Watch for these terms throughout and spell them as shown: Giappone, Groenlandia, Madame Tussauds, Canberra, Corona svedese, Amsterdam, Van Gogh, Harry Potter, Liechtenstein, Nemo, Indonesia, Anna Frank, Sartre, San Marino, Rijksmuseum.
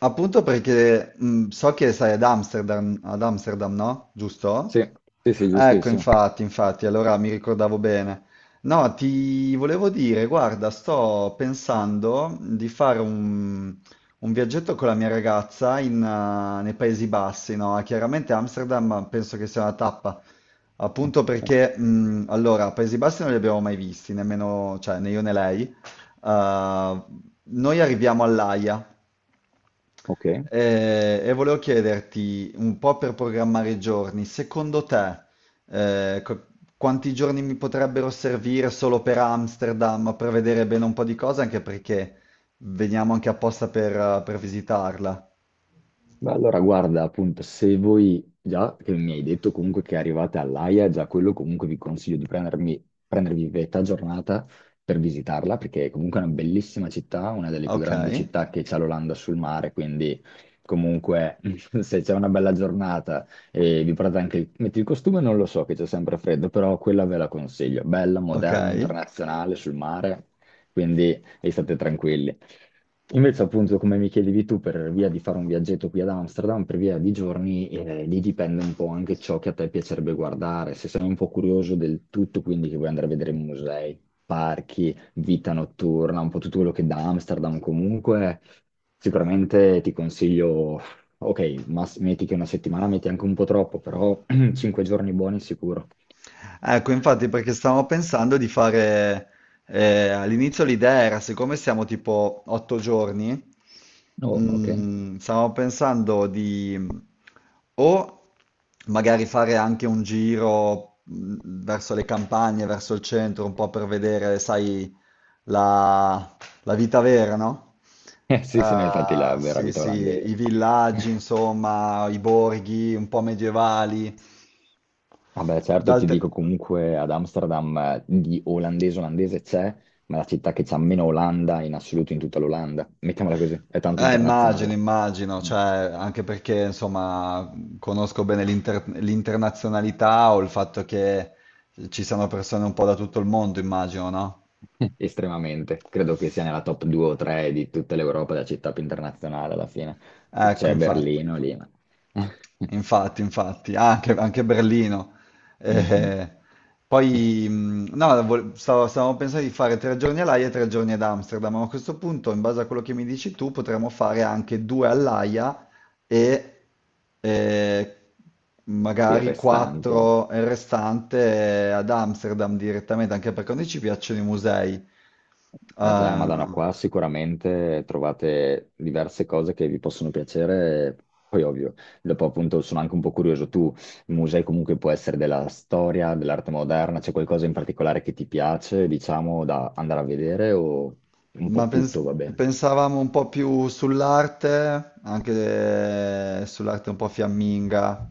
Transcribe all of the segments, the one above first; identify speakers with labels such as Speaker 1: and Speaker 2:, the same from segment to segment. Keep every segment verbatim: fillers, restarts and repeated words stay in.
Speaker 1: Appunto perché mh, so che sei ad Amsterdam, ad Amsterdam, no? Giusto?
Speaker 2: Sì, sì, sì,
Speaker 1: Ecco,
Speaker 2: giustissimo.
Speaker 1: infatti, infatti, allora mi ricordavo bene. No, ti volevo dire, guarda, sto pensando di fare un, un viaggetto con la mia ragazza in, eh, nei Paesi Bassi, no? Chiaramente Amsterdam penso che sia una tappa, appunto perché, mh, allora, Paesi Bassi non li abbiamo mai visti, nemmeno, cioè, né io né lei. Eh, Noi arriviamo all'Aia.
Speaker 2: Ok.
Speaker 1: Eh, e volevo chiederti un po' per programmare i giorni, secondo te, eh, co- quanti giorni mi potrebbero servire solo per Amsterdam per vedere bene un po' di cose, anche perché veniamo anche apposta per, eh, per visitarla.
Speaker 2: Beh, allora guarda, appunto, se voi già che mi hai detto comunque che arrivate all'Aia, già quello comunque vi consiglio di prendermi, prendervi metà giornata per visitarla, perché comunque è una bellissima città, una delle più
Speaker 1: Ok,
Speaker 2: grandi città che c'ha l'Olanda sul mare, quindi comunque se c'è una bella giornata e vi portate anche il, metti il costume, non lo so, che c'è sempre freddo, però quella ve la consiglio, bella,
Speaker 1: ok.
Speaker 2: moderna, internazionale sul mare, quindi e state tranquilli. Invece, appunto, come mi chiedevi tu, per via di fare un viaggetto qui ad Amsterdam, per via di giorni, eh, lì dipende un po' anche ciò che a te piacerebbe guardare. Se sei un po' curioso del tutto, quindi che vuoi andare a vedere musei, parchi, vita notturna, un po' tutto quello che da Amsterdam comunque, sicuramente ti consiglio, ok, ma s- metti che una settimana metti anche un po' troppo, però cinque giorni buoni sicuro.
Speaker 1: Ecco, infatti, perché stavamo pensando di fare, eh, all'inizio l'idea era, siccome siamo tipo otto giorni,
Speaker 2: Oh, ok.
Speaker 1: mm, stavamo pensando di mm, o magari fare anche un giro mm, verso le campagne, verso il centro, un po' per vedere, sai, la, la vita vera, no?
Speaker 2: Eh, sì, sì, no, infatti la
Speaker 1: Eh,
Speaker 2: vera
Speaker 1: sì,
Speaker 2: vita
Speaker 1: sì, i
Speaker 2: olandese.
Speaker 1: villaggi, insomma, i borghi un po' medievali.
Speaker 2: Vabbè, certo, ti
Speaker 1: D'altre
Speaker 2: dico, comunque ad Amsterdam eh, di olandese olandese c'è, ma la città che c'ha meno Olanda in assoluto in tutta l'Olanda. Mettiamola così, è tanto
Speaker 1: Eh, immagino,
Speaker 2: internazionale.
Speaker 1: immagino,
Speaker 2: Mm.
Speaker 1: cioè, anche perché insomma conosco bene l'inter- l'internazionalità o il fatto che ci siano persone un po' da tutto il mondo, immagino, no?
Speaker 2: Estremamente. Credo che sia nella top due o tre di tutta l'Europa, la città più internazionale alla fine.
Speaker 1: Ecco,
Speaker 2: C'è
Speaker 1: infatti.
Speaker 2: Berlino lì, ma...
Speaker 1: Infatti, infatti, ah, anche, anche Berlino.
Speaker 2: Mhm.
Speaker 1: Eh, Poi, mh, no, vol- stavo- stavamo pensando di fare tre giorni all'Aia e tre giorni ad Amsterdam, ma a questo punto, in base a quello che mi dici tu, potremmo fare anche due all'Aia e eh,
Speaker 2: I
Speaker 1: magari
Speaker 2: restanti.
Speaker 1: quattro il restante ad Amsterdam direttamente, anche perché a noi ci piacciono i musei.
Speaker 2: Certo, eh, Madonna,
Speaker 1: ehm,
Speaker 2: qua sicuramente trovate diverse cose che vi possono piacere, poi ovvio, dopo appunto sono anche un po' curioso, tu, il museo comunque può essere della storia, dell'arte moderna, c'è qualcosa in particolare che ti piace, diciamo, da andare a vedere o un
Speaker 1: Ma
Speaker 2: po'
Speaker 1: pens-
Speaker 2: tutto va bene?
Speaker 1: pensavamo un po' più sull'arte, anche eh, sull'arte un po' fiamminga,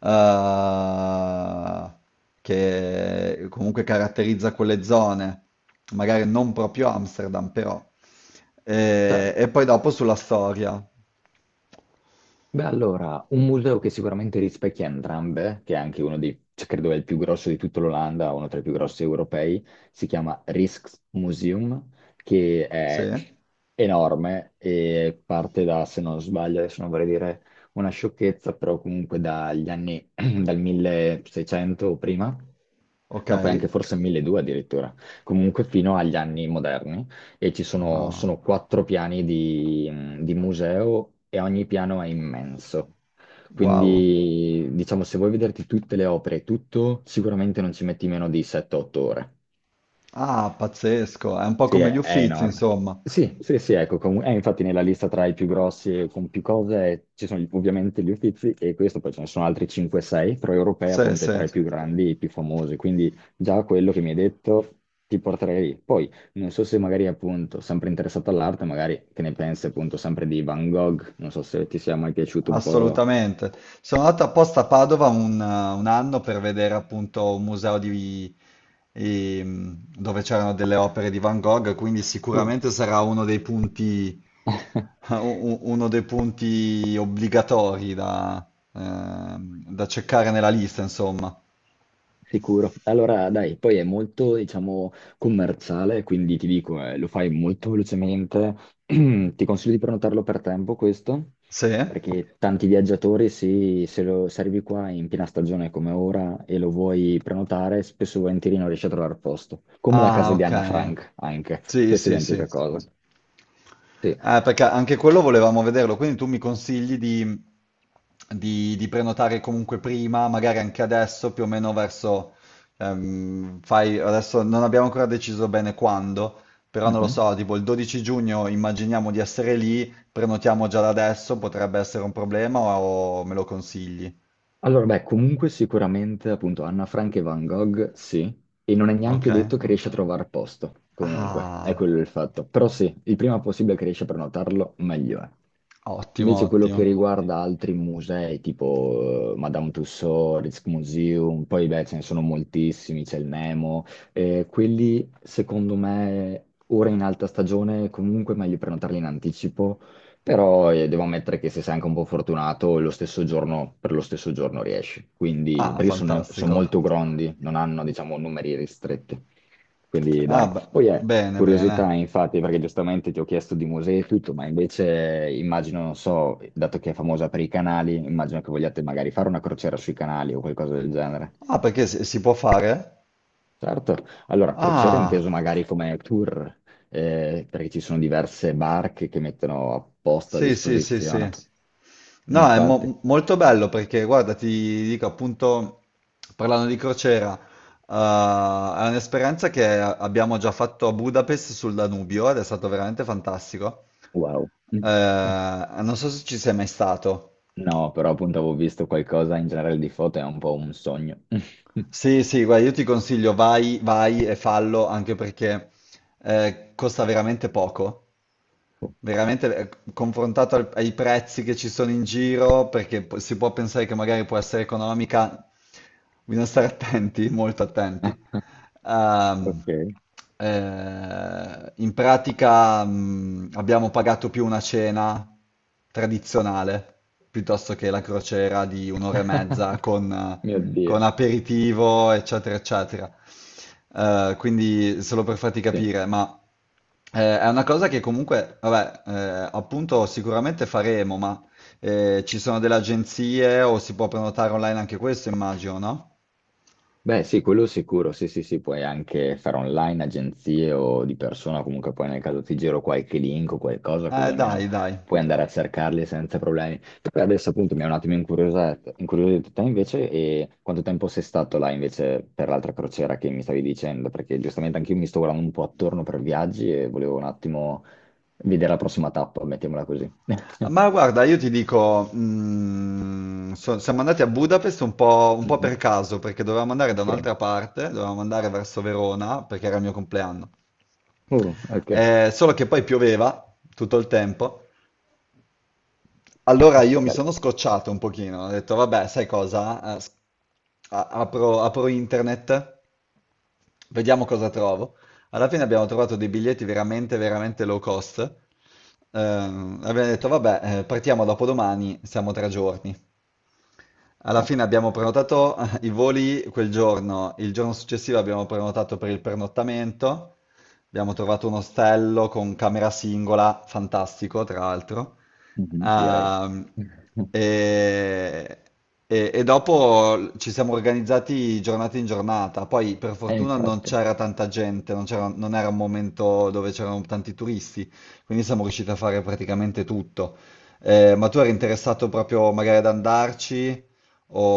Speaker 1: eh, che comunque caratterizza quelle zone, magari non proprio Amsterdam, però. E,
Speaker 2: Certo.
Speaker 1: e poi dopo sulla storia.
Speaker 2: Beh, allora, un museo che sicuramente rispecchia entrambe, che è anche uno dei, cioè, credo è il più grosso di tutta l'Olanda, uno tra i più grossi europei, si chiama Rijksmuseum, che
Speaker 1: Sì,
Speaker 2: è enorme e parte da, se non sbaglio, adesso non vorrei dire una sciocchezza, però comunque dagli anni, dal milleseicento o prima,
Speaker 1: ok.
Speaker 2: no, poi anche forse milleduecento addirittura, comunque fino agli anni moderni, e ci sono,
Speaker 1: Ah,
Speaker 2: sono quattro piani di, di museo e ogni piano è immenso.
Speaker 1: wow.
Speaker 2: Quindi, diciamo, se vuoi vederti tutte le opere e tutto, sicuramente non ci metti meno di sette o otto ore.
Speaker 1: Ah, pazzesco, è un po'
Speaker 2: Sì,
Speaker 1: come gli
Speaker 2: è, è
Speaker 1: Uffizi,
Speaker 2: enorme.
Speaker 1: insomma.
Speaker 2: Sì, sì, sì, ecco, com- è infatti nella lista tra i più grossi e con più cose eh, ci sono ovviamente gli Uffizi e questo, poi ce ne sono altri cinque sei, però Europea
Speaker 1: Sì,
Speaker 2: appunto è
Speaker 1: sì.
Speaker 2: tra i più grandi e i più famosi, quindi già quello che mi hai detto, ti porterei lì. Poi non so se magari appunto, sempre interessato all'arte, magari che ne pensi appunto sempre di Van Gogh, non so se ti sia mai piaciuto un po'.
Speaker 1: Assolutamente. Sono andato apposta a Padova un, un anno per vedere appunto un museo di- ehm, dove c'erano delle opere di Van Gogh, quindi
Speaker 2: Oh.
Speaker 1: sicuramente sarà uno dei punti, u- uno dei punti obbligatori da, ehm, da cercare nella lista, insomma.
Speaker 2: Sicuro. Allora, dai, poi è molto, diciamo, commerciale, quindi ti dico, eh, lo fai molto velocemente. Ti consiglio di prenotarlo per tempo, questo,
Speaker 1: Sì?
Speaker 2: perché tanti viaggiatori, sì, se, lo, se arrivi qua in piena stagione come ora e lo vuoi prenotare, spesso e volentieri non riesci a trovare posto. Come la
Speaker 1: Ah,
Speaker 2: casa di Anna
Speaker 1: ok.
Speaker 2: Frank, anche.
Speaker 1: Sì,
Speaker 2: Stessa
Speaker 1: sì, sì.
Speaker 2: identica cosa. Sì.
Speaker 1: Eh, perché anche quello volevamo vederlo, quindi tu mi consigli di, di- di prenotare comunque prima, magari anche adesso, più o meno verso, ehm, fai, adesso non abbiamo ancora deciso bene quando, però non lo
Speaker 2: Mhm.
Speaker 1: so, tipo il 12 giugno immaginiamo di essere lì, prenotiamo già da adesso, potrebbe essere un problema o me lo consigli?
Speaker 2: Allora, beh, comunque sicuramente appunto Anna Frank e Van Gogh, sì, e non è
Speaker 1: Ok.
Speaker 2: neanche detto che riesci a trovare posto, comunque, è
Speaker 1: Ah,
Speaker 2: quello il fatto. Però sì, il prima possibile che riesci a prenotarlo, meglio è.
Speaker 1: ottimo,
Speaker 2: Invece quello che
Speaker 1: ottimo.
Speaker 2: riguarda altri musei, tipo eh, Madame Tussauds, Rijksmuseum, poi beh, ce ne sono moltissimi, c'è il Nemo, eh, quelli secondo me ora in alta stagione comunque è meglio prenotarli in anticipo, però eh, devo ammettere che se sei anche un po' fortunato, lo stesso giorno, per lo stesso giorno riesci. Quindi,
Speaker 1: Ah,
Speaker 2: perché sono, sono
Speaker 1: fantastico.
Speaker 2: molto grondi, non hanno, diciamo, numeri ristretti. Quindi,
Speaker 1: Ah,
Speaker 2: dai.
Speaker 1: beh,
Speaker 2: Poi è
Speaker 1: bene, bene.
Speaker 2: curiosità, infatti, perché giustamente ti ho chiesto di musei e tutto, ma invece eh, immagino, non so, dato che è famosa per i canali, immagino che vogliate magari fare una crociera sui canali o qualcosa del genere.
Speaker 1: Ah, perché si, si può fare?
Speaker 2: Certo, allora crociera inteso
Speaker 1: Ah.
Speaker 2: magari come tour, eh, perché ci sono diverse barche che mettono apposta a
Speaker 1: Sì, sì, sì,
Speaker 2: disposizione.
Speaker 1: sì. No, è
Speaker 2: Infatti,
Speaker 1: mo- molto bello perché, guarda, ti dico appunto, parlando di crociera, eh, è un'esperienza che abbiamo già fatto a Budapest sul Danubio ed è stato veramente fantastico.
Speaker 2: wow.
Speaker 1: Eh, non so se ci sei mai stato.
Speaker 2: No, però appunto avevo visto qualcosa in generale di foto, è un po' un sogno.
Speaker 1: Sì, sì, guarda, io ti consiglio, vai, vai e fallo anche perché eh, costa veramente poco. Veramente eh, confrontato al- ai prezzi che ci sono in giro, perché po- si può pensare che magari può essere economica, bisogna stare attenti, molto attenti. Ehm,
Speaker 2: Ok.
Speaker 1: eh, In pratica, mh, abbiamo pagato più una cena tradizionale piuttosto che la crociera di un'ora e mezza con, eh,
Speaker 2: Mio
Speaker 1: con
Speaker 2: Dio.
Speaker 1: aperitivo, eccetera, eccetera. Eh, quindi, solo per farti
Speaker 2: Sì.
Speaker 1: capire, ma. Eh, è una cosa che comunque, vabbè, eh, appunto sicuramente faremo, ma eh, ci sono delle agenzie o si può prenotare online anche questo, immagino, no?
Speaker 2: Beh, sì, quello sicuro, sì, sì, sì, puoi anche fare online, agenzie o di persona, comunque poi nel caso ti giro qualche link o qualcosa, così
Speaker 1: Eh,
Speaker 2: almeno
Speaker 1: dai, dai.
Speaker 2: puoi andare a cercarli senza problemi. Per adesso appunto mi è un attimo incuriosito, incuriosito te invece, e quanto tempo sei stato là invece per l'altra crociera che mi stavi dicendo? Perché giustamente anch'io mi sto guardando un po' attorno per viaggi e volevo un attimo vedere la prossima tappa, mettiamola così.
Speaker 1: Ma guarda, io ti dico, mm, so- siamo andati a Budapest un po', un po' per
Speaker 2: Mhm.
Speaker 1: caso, perché dovevamo andare da
Speaker 2: Ok.
Speaker 1: un'altra parte, dovevamo andare verso Verona, perché era il mio compleanno.
Speaker 2: Uh, ok,
Speaker 1: Eh, solo che poi pioveva tutto il tempo. Allora io mi
Speaker 2: bello.
Speaker 1: sono scocciato un pochino, ho detto vabbè, sai cosa? Eh, s- a- apro, apro internet, vediamo cosa trovo. Alla fine abbiamo trovato dei biglietti veramente, veramente low cost. Ehm, abbiamo detto vabbè, eh, partiamo dopodomani, siamo tre giorni. Alla fine abbiamo prenotato i voli quel giorno, il giorno successivo abbiamo prenotato per il pernottamento, abbiamo trovato un ostello con camera singola, fantastico tra l'altro.
Speaker 2: Mhm, direi.
Speaker 1: Ehm, e, e- e dopo ci siamo organizzati giornata in giornata, poi per
Speaker 2: Eh,
Speaker 1: fortuna non
Speaker 2: infatti.
Speaker 1: c'era tanta gente, non c'era- non era un momento dove c'erano tanti turisti, quindi siamo riusciti a fare praticamente tutto. Eh, ma tu eri interessato proprio magari ad andarci?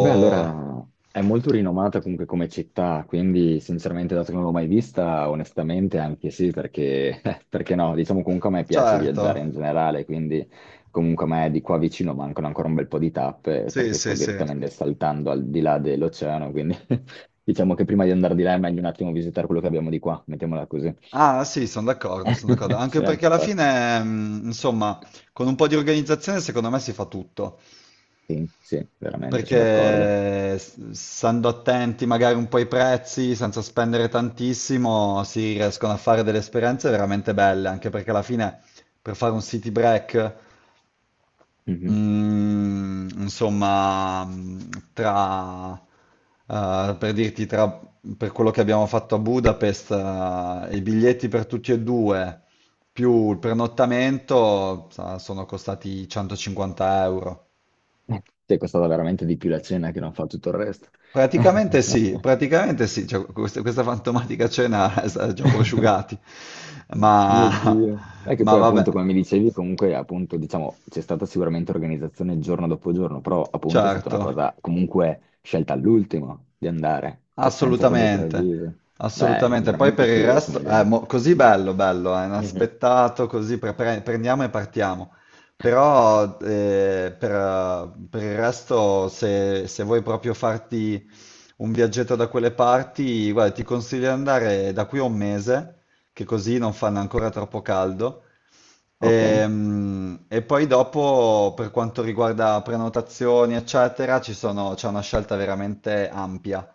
Speaker 2: Beh, allora è molto rinomata comunque come città, quindi sinceramente, dato che non l'ho mai vista, onestamente anche sì, perché, perché no, diciamo comunque a me piace
Speaker 1: Certo,
Speaker 2: viaggiare in generale, quindi comunque a me di qua vicino mancano ancora un bel po' di tappe,
Speaker 1: sì,
Speaker 2: perché sto,
Speaker 1: sì,
Speaker 2: sì, sì,
Speaker 1: sì.
Speaker 2: direttamente saltando al di là dell'oceano, quindi diciamo che prima di andare di là è meglio un attimo visitare quello che abbiamo di qua, mettiamola così.
Speaker 1: Ah, sì, sono d'accordo, sono d'accordo. Anche
Speaker 2: Sì,
Speaker 1: perché alla
Speaker 2: infatti.
Speaker 1: fine, mh, insomma, con un po' di organizzazione secondo me si fa tutto.
Speaker 2: Sì, sì, veramente, sono d'accordo.
Speaker 1: Perché s- stando attenti magari un po' ai prezzi, senza spendere tantissimo, si riescono a fare delle esperienze veramente belle. Anche perché alla fine, per fare un city break,
Speaker 2: Mhm.
Speaker 1: Mm, insomma, mm, tra, eh, per dirti, tra, per quello che abbiamo fatto a Budapest, eh, i biglietti per tutti e due, più il pernottamento, sa- sono costati centocinquanta euro.
Speaker 2: Ti è costata veramente di più la cena che non fa tutto il resto.
Speaker 1: Praticamente sì, praticamente sì, cioè, questa, questa fantomatica cena è stata già prosciugati,
Speaker 2: Mio
Speaker 1: ma,
Speaker 2: Dio. E che
Speaker 1: ma
Speaker 2: poi
Speaker 1: vabbè,
Speaker 2: appunto, come mi dicevi, comunque appunto, diciamo, c'è stata sicuramente organizzazione giorno dopo giorno, però appunto è stata una
Speaker 1: certo.
Speaker 2: cosa comunque scelta all'ultimo di andare, cioè senza troppo
Speaker 1: Assolutamente,
Speaker 2: preavviso. Beh, è
Speaker 1: assolutamente. Poi
Speaker 2: veramente
Speaker 1: per il
Speaker 2: figo come
Speaker 1: resto è
Speaker 2: idea.
Speaker 1: così bello, bello, è
Speaker 2: Mhm.
Speaker 1: inaspettato, così pre- pre- prendiamo e partiamo. Però eh, per, eh, per il resto, se, se vuoi proprio farti un viaggetto da quelle parti, guarda, ti consiglio di andare da qui a un mese, che così non fanno ancora troppo caldo.
Speaker 2: Ok.
Speaker 1: Ehm, E poi dopo, per quanto riguarda prenotazioni, eccetera, ci sono- c'è una scelta veramente ampia.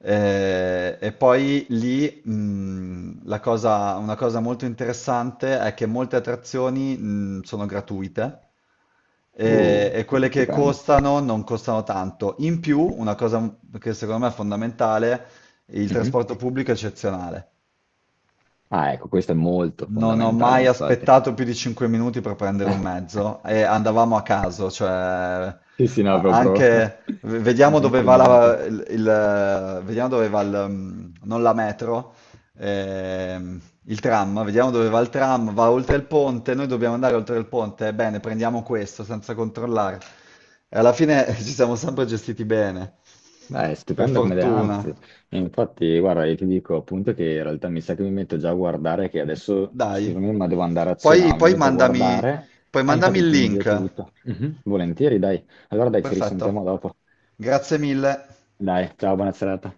Speaker 1: Eh, e poi lì, mh, la cosa- una cosa molto interessante è che molte attrazioni, mh, sono gratuite e,
Speaker 2: Uh,
Speaker 1: e
Speaker 2: questo
Speaker 1: quelle
Speaker 2: è
Speaker 1: che
Speaker 2: stupendo.
Speaker 1: costano non costano tanto. In più, una cosa che secondo me è fondamentale, il
Speaker 2: Mhm.
Speaker 1: trasporto pubblico è eccezionale.
Speaker 2: Ah, ecco, questo è molto
Speaker 1: Non ho
Speaker 2: fondamentale,
Speaker 1: mai
Speaker 2: infatti.
Speaker 1: aspettato più di 5 minuti per prendere un mezzo e andavamo a caso, cioè a-
Speaker 2: Sì, sì, no, proprio
Speaker 1: anche v-
Speaker 2: a
Speaker 1: vediamo dove va
Speaker 2: sentimento.
Speaker 1: la, il, il- vediamo dove va il, mm, non la metro, ehm, il tram, vediamo dove va il tram, va oltre il ponte, noi dobbiamo andare oltre il ponte, e bene, prendiamo questo senza controllare. E alla fine ci siamo sempre gestiti bene,
Speaker 2: Beh, è
Speaker 1: per
Speaker 2: stupendo come idea,
Speaker 1: fortuna.
Speaker 2: anzi, infatti, guarda, io ti dico appunto che in realtà mi sa che mi metto già a guardare, che adesso,
Speaker 1: Dai.
Speaker 2: scusami, ma devo andare a cena,
Speaker 1: Poi,
Speaker 2: ma mi
Speaker 1: poi
Speaker 2: metto a
Speaker 1: mandami,
Speaker 2: guardare,
Speaker 1: poi
Speaker 2: e
Speaker 1: mandami
Speaker 2: infatti
Speaker 1: il
Speaker 2: ti invio
Speaker 1: link.
Speaker 2: tutto. Mhm, volentieri, dai. Allora dai, ci risentiamo
Speaker 1: Perfetto,
Speaker 2: dopo.
Speaker 1: grazie mille.
Speaker 2: Dai, ciao, buona serata.